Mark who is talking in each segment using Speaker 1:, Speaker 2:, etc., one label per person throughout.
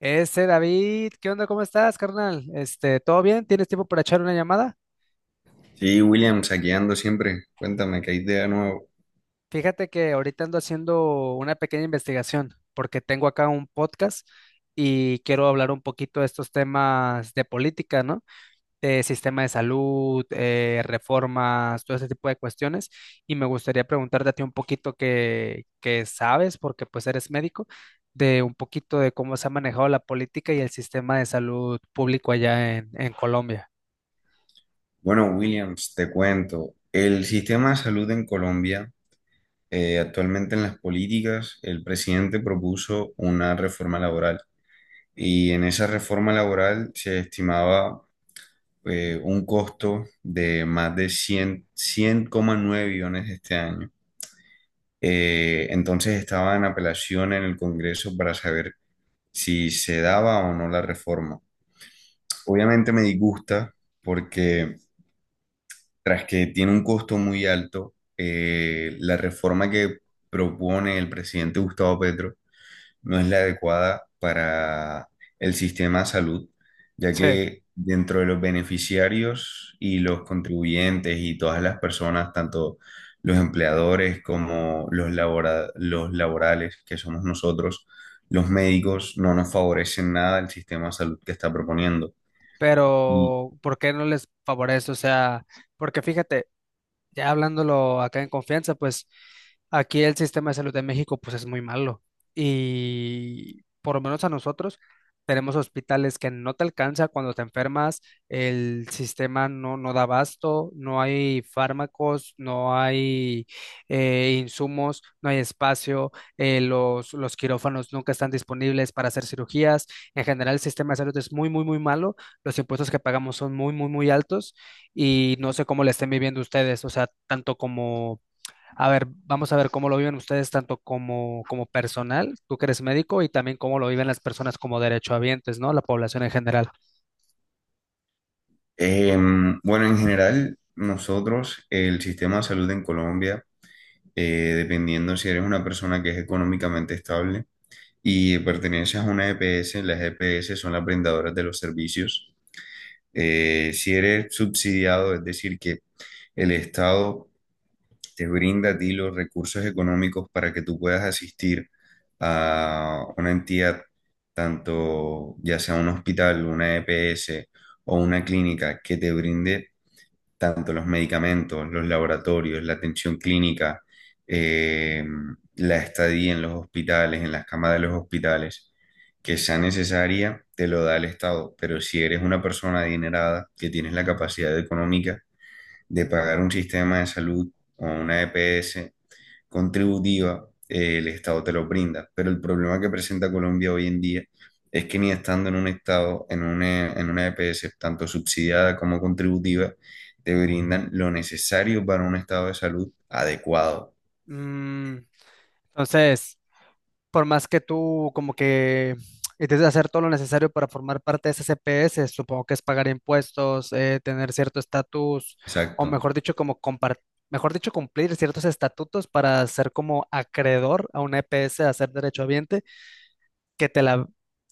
Speaker 1: Ese David, ¿qué onda? ¿Cómo estás, carnal? ¿Todo bien? ¿Tienes tiempo para echar una llamada?
Speaker 2: Sí, Williams, aquí ando siempre. Cuéntame, ¿qué hay de nuevo?
Speaker 1: Fíjate que ahorita ando haciendo una pequeña investigación porque tengo acá un podcast y quiero hablar un poquito de estos temas de política, ¿no? De sistema de salud, reformas, todo ese tipo de cuestiones. Y me gustaría preguntarte a ti un poquito que sabes, porque pues eres médico, de un poquito de cómo se ha manejado la política y el sistema de salud público allá en Colombia.
Speaker 2: Bueno, Williams, te cuento. El sistema de salud en Colombia, actualmente en las políticas, el presidente propuso una reforma laboral y en esa reforma laboral se estimaba un costo de más de cien coma nueve billones este año. Entonces estaba en apelación en el Congreso para saber si se daba o no la reforma. Obviamente me disgusta porque tras que tiene un costo muy alto, la reforma que propone el presidente Gustavo Petro no es la adecuada para el sistema de salud, ya
Speaker 1: Sí,
Speaker 2: que dentro de los beneficiarios y los contribuyentes y todas las personas, tanto los empleadores como los los laborales, que somos nosotros, los médicos, no nos favorecen nada el sistema de salud que está proponiendo.
Speaker 1: pero ¿por qué no les favorece? O sea, porque fíjate, ya hablándolo acá en confianza, pues aquí el sistema de salud de México pues es muy malo y por lo menos a nosotros tenemos hospitales que no te alcanza cuando te enfermas, el sistema no da abasto, no hay fármacos, no hay insumos, no hay espacio, los quirófanos nunca están disponibles para hacer cirugías, en general el sistema de salud es muy, muy, muy malo, los impuestos que pagamos son muy, muy, muy altos y no sé cómo la estén viviendo ustedes, o sea, tanto como, a ver, vamos a ver cómo lo viven ustedes, tanto como, como personal, tú que eres médico, y también cómo lo viven las personas como derechohabientes, ¿no? La población en general.
Speaker 2: Eh, bueno, en general, nosotros, el sistema de salud en Colombia, dependiendo si eres una persona que es económicamente estable y perteneces a una EPS, las EPS son las brindadoras de los servicios. Si eres subsidiado, es decir, que el Estado te brinda a ti los recursos económicos para que tú puedas asistir a una entidad, tanto ya sea un hospital, una EPS o una clínica que te brinde tanto los medicamentos, los laboratorios, la atención clínica, eh, la estadía en los hospitales, en las camas de los hospitales, que sea necesaria, te lo da el Estado. Pero si eres una persona adinerada, que tienes la capacidad económica, de pagar un sistema de salud o una EPS contributiva, el Estado te lo brinda. Pero el problema que presenta Colombia hoy en día es que ni estando en un Estado, en una EPS tanto subsidiada como contributiva, te brindan lo necesario para un estado de salud adecuado.
Speaker 1: Mm, entonces, por más que tú como que intentes hacer todo lo necesario para formar parte de ese CPS, supongo que es pagar impuestos, tener cierto estatus, o
Speaker 2: Exacto.
Speaker 1: mejor dicho, como compartir, mejor dicho, cumplir ciertos estatutos para ser como acreedor a una EPS, a ser derechohabiente, que te la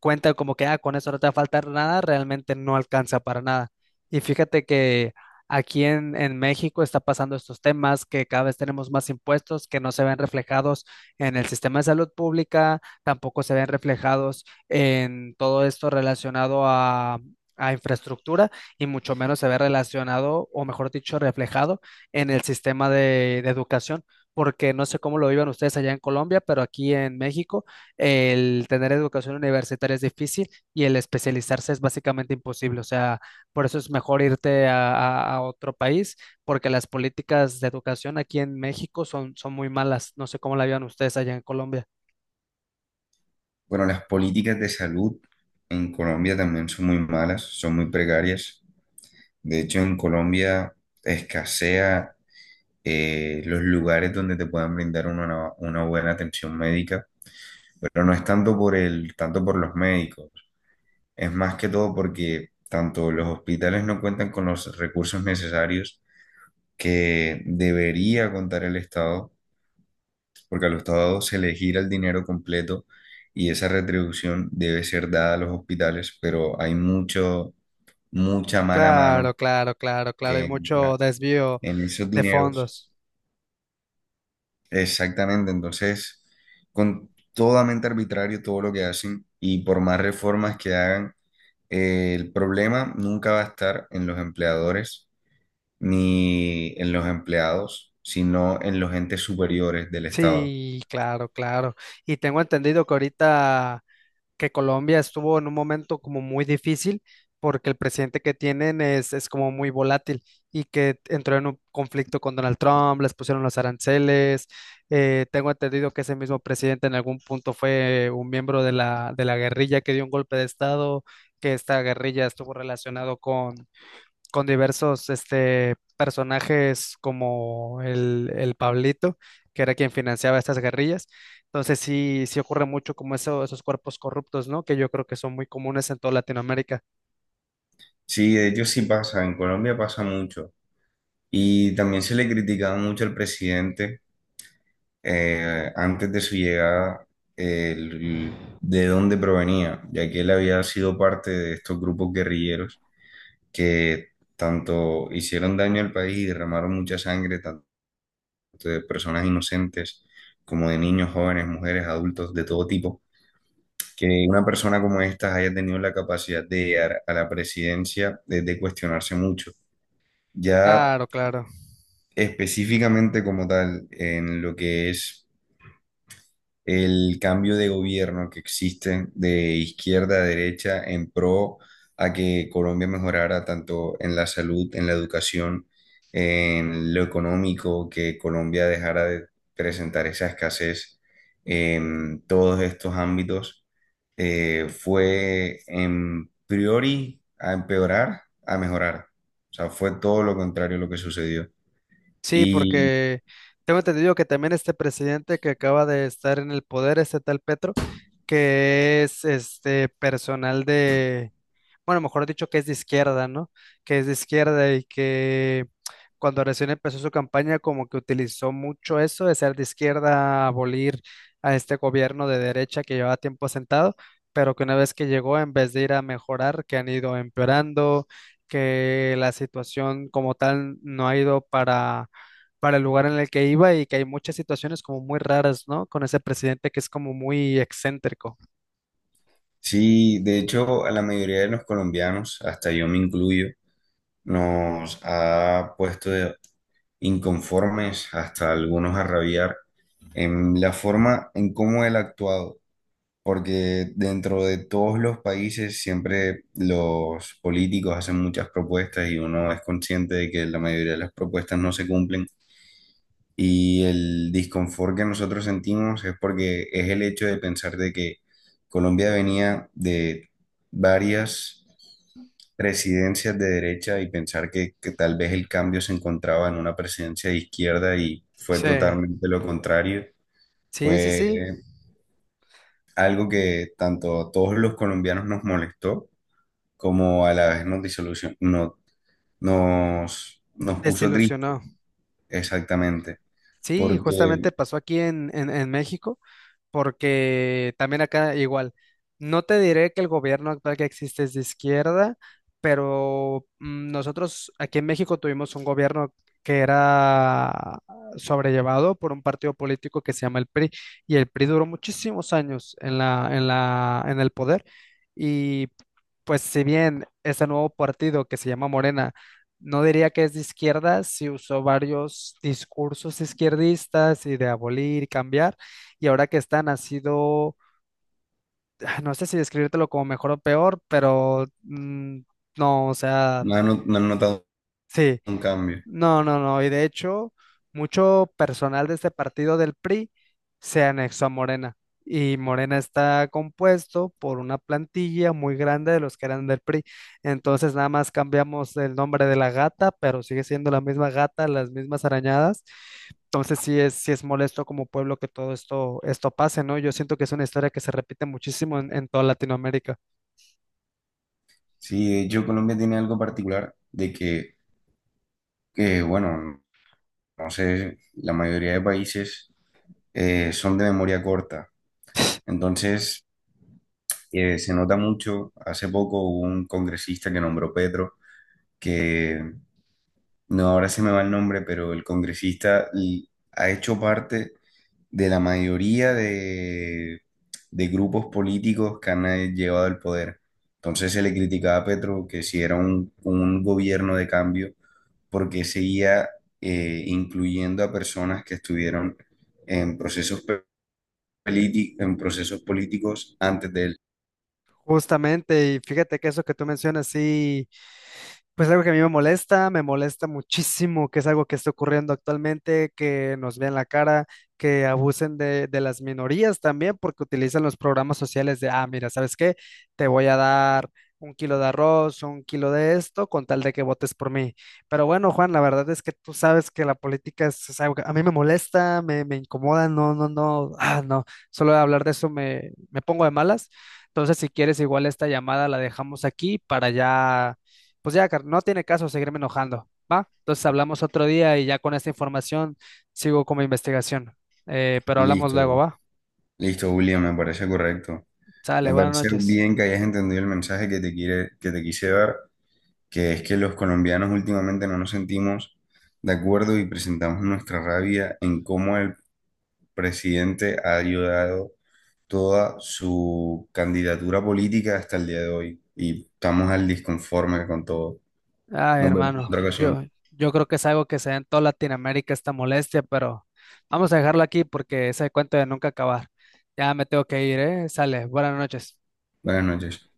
Speaker 1: cuenta como que, ah, con eso no te va a faltar nada, realmente no alcanza para nada. Y fíjate que aquí en México está pasando estos temas, que cada vez tenemos más impuestos que no se ven reflejados en el sistema de salud pública, tampoco se ven reflejados en todo esto relacionado a infraestructura y mucho menos se ve relacionado, o mejor dicho, reflejado en el sistema de educación, porque no sé cómo lo vivan ustedes allá en Colombia, pero aquí en México el tener educación universitaria es difícil y el especializarse es básicamente imposible. O sea, por eso es mejor irte a, a otro país, porque las políticas de educación aquí en México son muy malas. No sé cómo la vean ustedes allá en Colombia.
Speaker 2: Bueno, las políticas de salud en Colombia también son muy malas, son muy precarias. De hecho, en Colombia escasea los lugares donde te puedan brindar una buena atención médica, pero no es tanto por los médicos, es más que todo porque tanto los hospitales no cuentan con los recursos necesarios que debería contar el Estado, porque al Estado se le gira el dinero completo y esa retribución debe ser dada a los hospitales, pero hay mucha mala
Speaker 1: Claro,
Speaker 2: mano
Speaker 1: claro, claro, claro. Hay
Speaker 2: que
Speaker 1: mucho
Speaker 2: entra
Speaker 1: desvío
Speaker 2: en esos
Speaker 1: de
Speaker 2: dineros.
Speaker 1: fondos.
Speaker 2: Exactamente, entonces, con totalmente arbitrario todo lo que hacen y por más reformas que hagan, el problema nunca va a estar en los empleadores ni en los empleados, sino en los entes superiores del Estado.
Speaker 1: Sí, claro, claro. Y tengo entendido que ahorita que Colombia estuvo en un momento como muy difícil porque el presidente que tienen es como muy volátil y que entró en un conflicto con Donald Trump, les pusieron los aranceles. Tengo entendido que ese mismo presidente en algún punto fue un miembro de la guerrilla que dio un golpe de estado, que esta guerrilla estuvo relacionado con diversos personajes como el Pablito, que era quien financiaba estas guerrillas. Entonces sí, sí ocurre mucho como eso, esos cuerpos corruptos, ¿no? Que yo creo que son muy comunes en toda Latinoamérica.
Speaker 2: Sí, de hecho sí pasa, en Colombia pasa mucho y también se le criticaba mucho al presidente antes de su llegada el- de dónde provenía, ya que él había sido parte de estos grupos guerrilleros que tanto hicieron daño al país y derramaron mucha sangre, tanto de personas inocentes como de niños, jóvenes, mujeres, adultos, de todo tipo, que una persona como esta haya tenido la capacidad de llegar a la presidencia de cuestionarse mucho. Ya
Speaker 1: Claro, claro.
Speaker 2: específicamente como tal, en lo que es el cambio de gobierno que existe de izquierda a derecha en pro a que Colombia mejorara tanto en la salud, en la educación, en lo económico, que Colombia dejara de presentar esa escasez en todos estos ámbitos, fue en priori a empeorar, a mejorar. O sea, fue todo lo contrario lo que sucedió.
Speaker 1: Sí,
Speaker 2: Y
Speaker 1: porque tengo entendido que también este presidente que acaba de estar en el poder, este tal Petro, que es este personal de, bueno, mejor dicho, que es de izquierda, ¿no? Que es de izquierda y que cuando recién empezó su campaña como que utilizó mucho eso de ser de izquierda, abolir a este gobierno de derecha que llevaba tiempo sentado, pero que una vez que llegó, en vez de ir a mejorar, que han ido empeorando, que la situación como tal no ha ido para el lugar en el que iba y que hay muchas situaciones como muy raras, ¿no? Con ese presidente que es como muy excéntrico.
Speaker 2: Sí, de hecho, a la mayoría de los colombianos, hasta yo me incluyo, nos ha puesto de inconformes hasta algunos a rabiar en la forma en cómo él ha actuado, porque dentro de todos los países siempre los políticos hacen muchas propuestas y uno es consciente de que la mayoría de las propuestas no se cumplen y el disconfort que nosotros sentimos es porque es el hecho de pensar de que Colombia venía de varias presidencias de derecha y pensar que tal vez el cambio se encontraba en una presidencia de izquierda y fue
Speaker 1: Sí,
Speaker 2: totalmente lo contrario.
Speaker 1: sí, sí, sí,
Speaker 2: Fue algo que tanto a todos los colombianos nos molestó como a la vez nos disolución, no, nos puso tristes,
Speaker 1: desilusionó.
Speaker 2: exactamente,
Speaker 1: Sí,
Speaker 2: porque
Speaker 1: justamente pasó aquí en México, porque también acá igual. No te diré que el gobierno actual que existe es de izquierda, pero nosotros aquí en México tuvimos un gobierno que era sobrellevado por un partido político que se llama el PRI, y el PRI duró muchísimos años en la, en la, en el poder, y pues si bien ese nuevo partido que se llama Morena, no diría que es de izquierda, si usó varios discursos izquierdistas y de abolir y cambiar, y ahora que están ha sido, ah, no sé si describírtelo como mejor o peor, pero no, o sea,
Speaker 2: no han notado
Speaker 1: sí,
Speaker 2: un cambio.
Speaker 1: no, no, no. Y de hecho, mucho personal de este partido del PRI se anexó a Morena. Y Morena está compuesto por una plantilla muy grande de los que eran del PRI. Entonces, nada más cambiamos el nombre de la gata, pero sigue siendo la misma gata, las mismas arañadas. Entonces, sí es molesto como pueblo que todo esto, esto pase, ¿no? Yo siento que es una historia que se repite muchísimo en toda Latinoamérica.
Speaker 2: Sí, de hecho Colombia tiene algo particular de que, bueno, no sé, la mayoría de países son de memoria corta. Entonces, se nota mucho, hace poco hubo un congresista que nombró Petro. No, ahora se me va el nombre, pero el congresista y ha hecho parte de la mayoría de grupos políticos que han llevado el poder. Entonces se le criticaba a Petro que si era un gobierno de cambio, porque seguía incluyendo a personas que estuvieron en procesos, en procesos políticos antes de él.
Speaker 1: Justamente, y fíjate que eso que tú mencionas, sí. Pues algo que a mí me molesta muchísimo, que es algo que está ocurriendo actualmente, que nos vean la cara, que abusen de las minorías también, porque utilizan los programas sociales de, ah, mira, ¿sabes qué? Te voy a dar un kilo de arroz, un kilo de esto, con tal de que votes por mí. Pero bueno, Juan, la verdad es que tú sabes que la política es algo que a mí me molesta, me incomoda, no, no, no, ah, no, solo de hablar de eso me pongo de malas. Entonces, si quieres, igual esta llamada la dejamos aquí para ya, pues ya, no tiene caso seguirme enojando, ¿va? Entonces hablamos otro día y ya con esta información sigo con mi investigación. Pero hablamos luego,
Speaker 2: Listo,
Speaker 1: ¿va?
Speaker 2: listo, William, me parece correcto.
Speaker 1: Sale,
Speaker 2: Me
Speaker 1: buenas
Speaker 2: parece
Speaker 1: noches.
Speaker 2: bien que hayas entendido el mensaje que te quise dar, que es que los colombianos últimamente no nos sentimos de acuerdo y presentamos nuestra rabia en cómo el presidente ha ayudado toda su candidatura política hasta el día de hoy y estamos al disconforme con todo.
Speaker 1: Ay,
Speaker 2: Nos vemos en
Speaker 1: hermano,
Speaker 2: otra ocasión.
Speaker 1: yo creo que es algo que se da en toda Latinoamérica esta molestia, pero vamos a dejarlo aquí porque ese cuento de nunca acabar. Ya me tengo que ir, ¿eh? Sale, buenas noches.
Speaker 2: Buenas noches.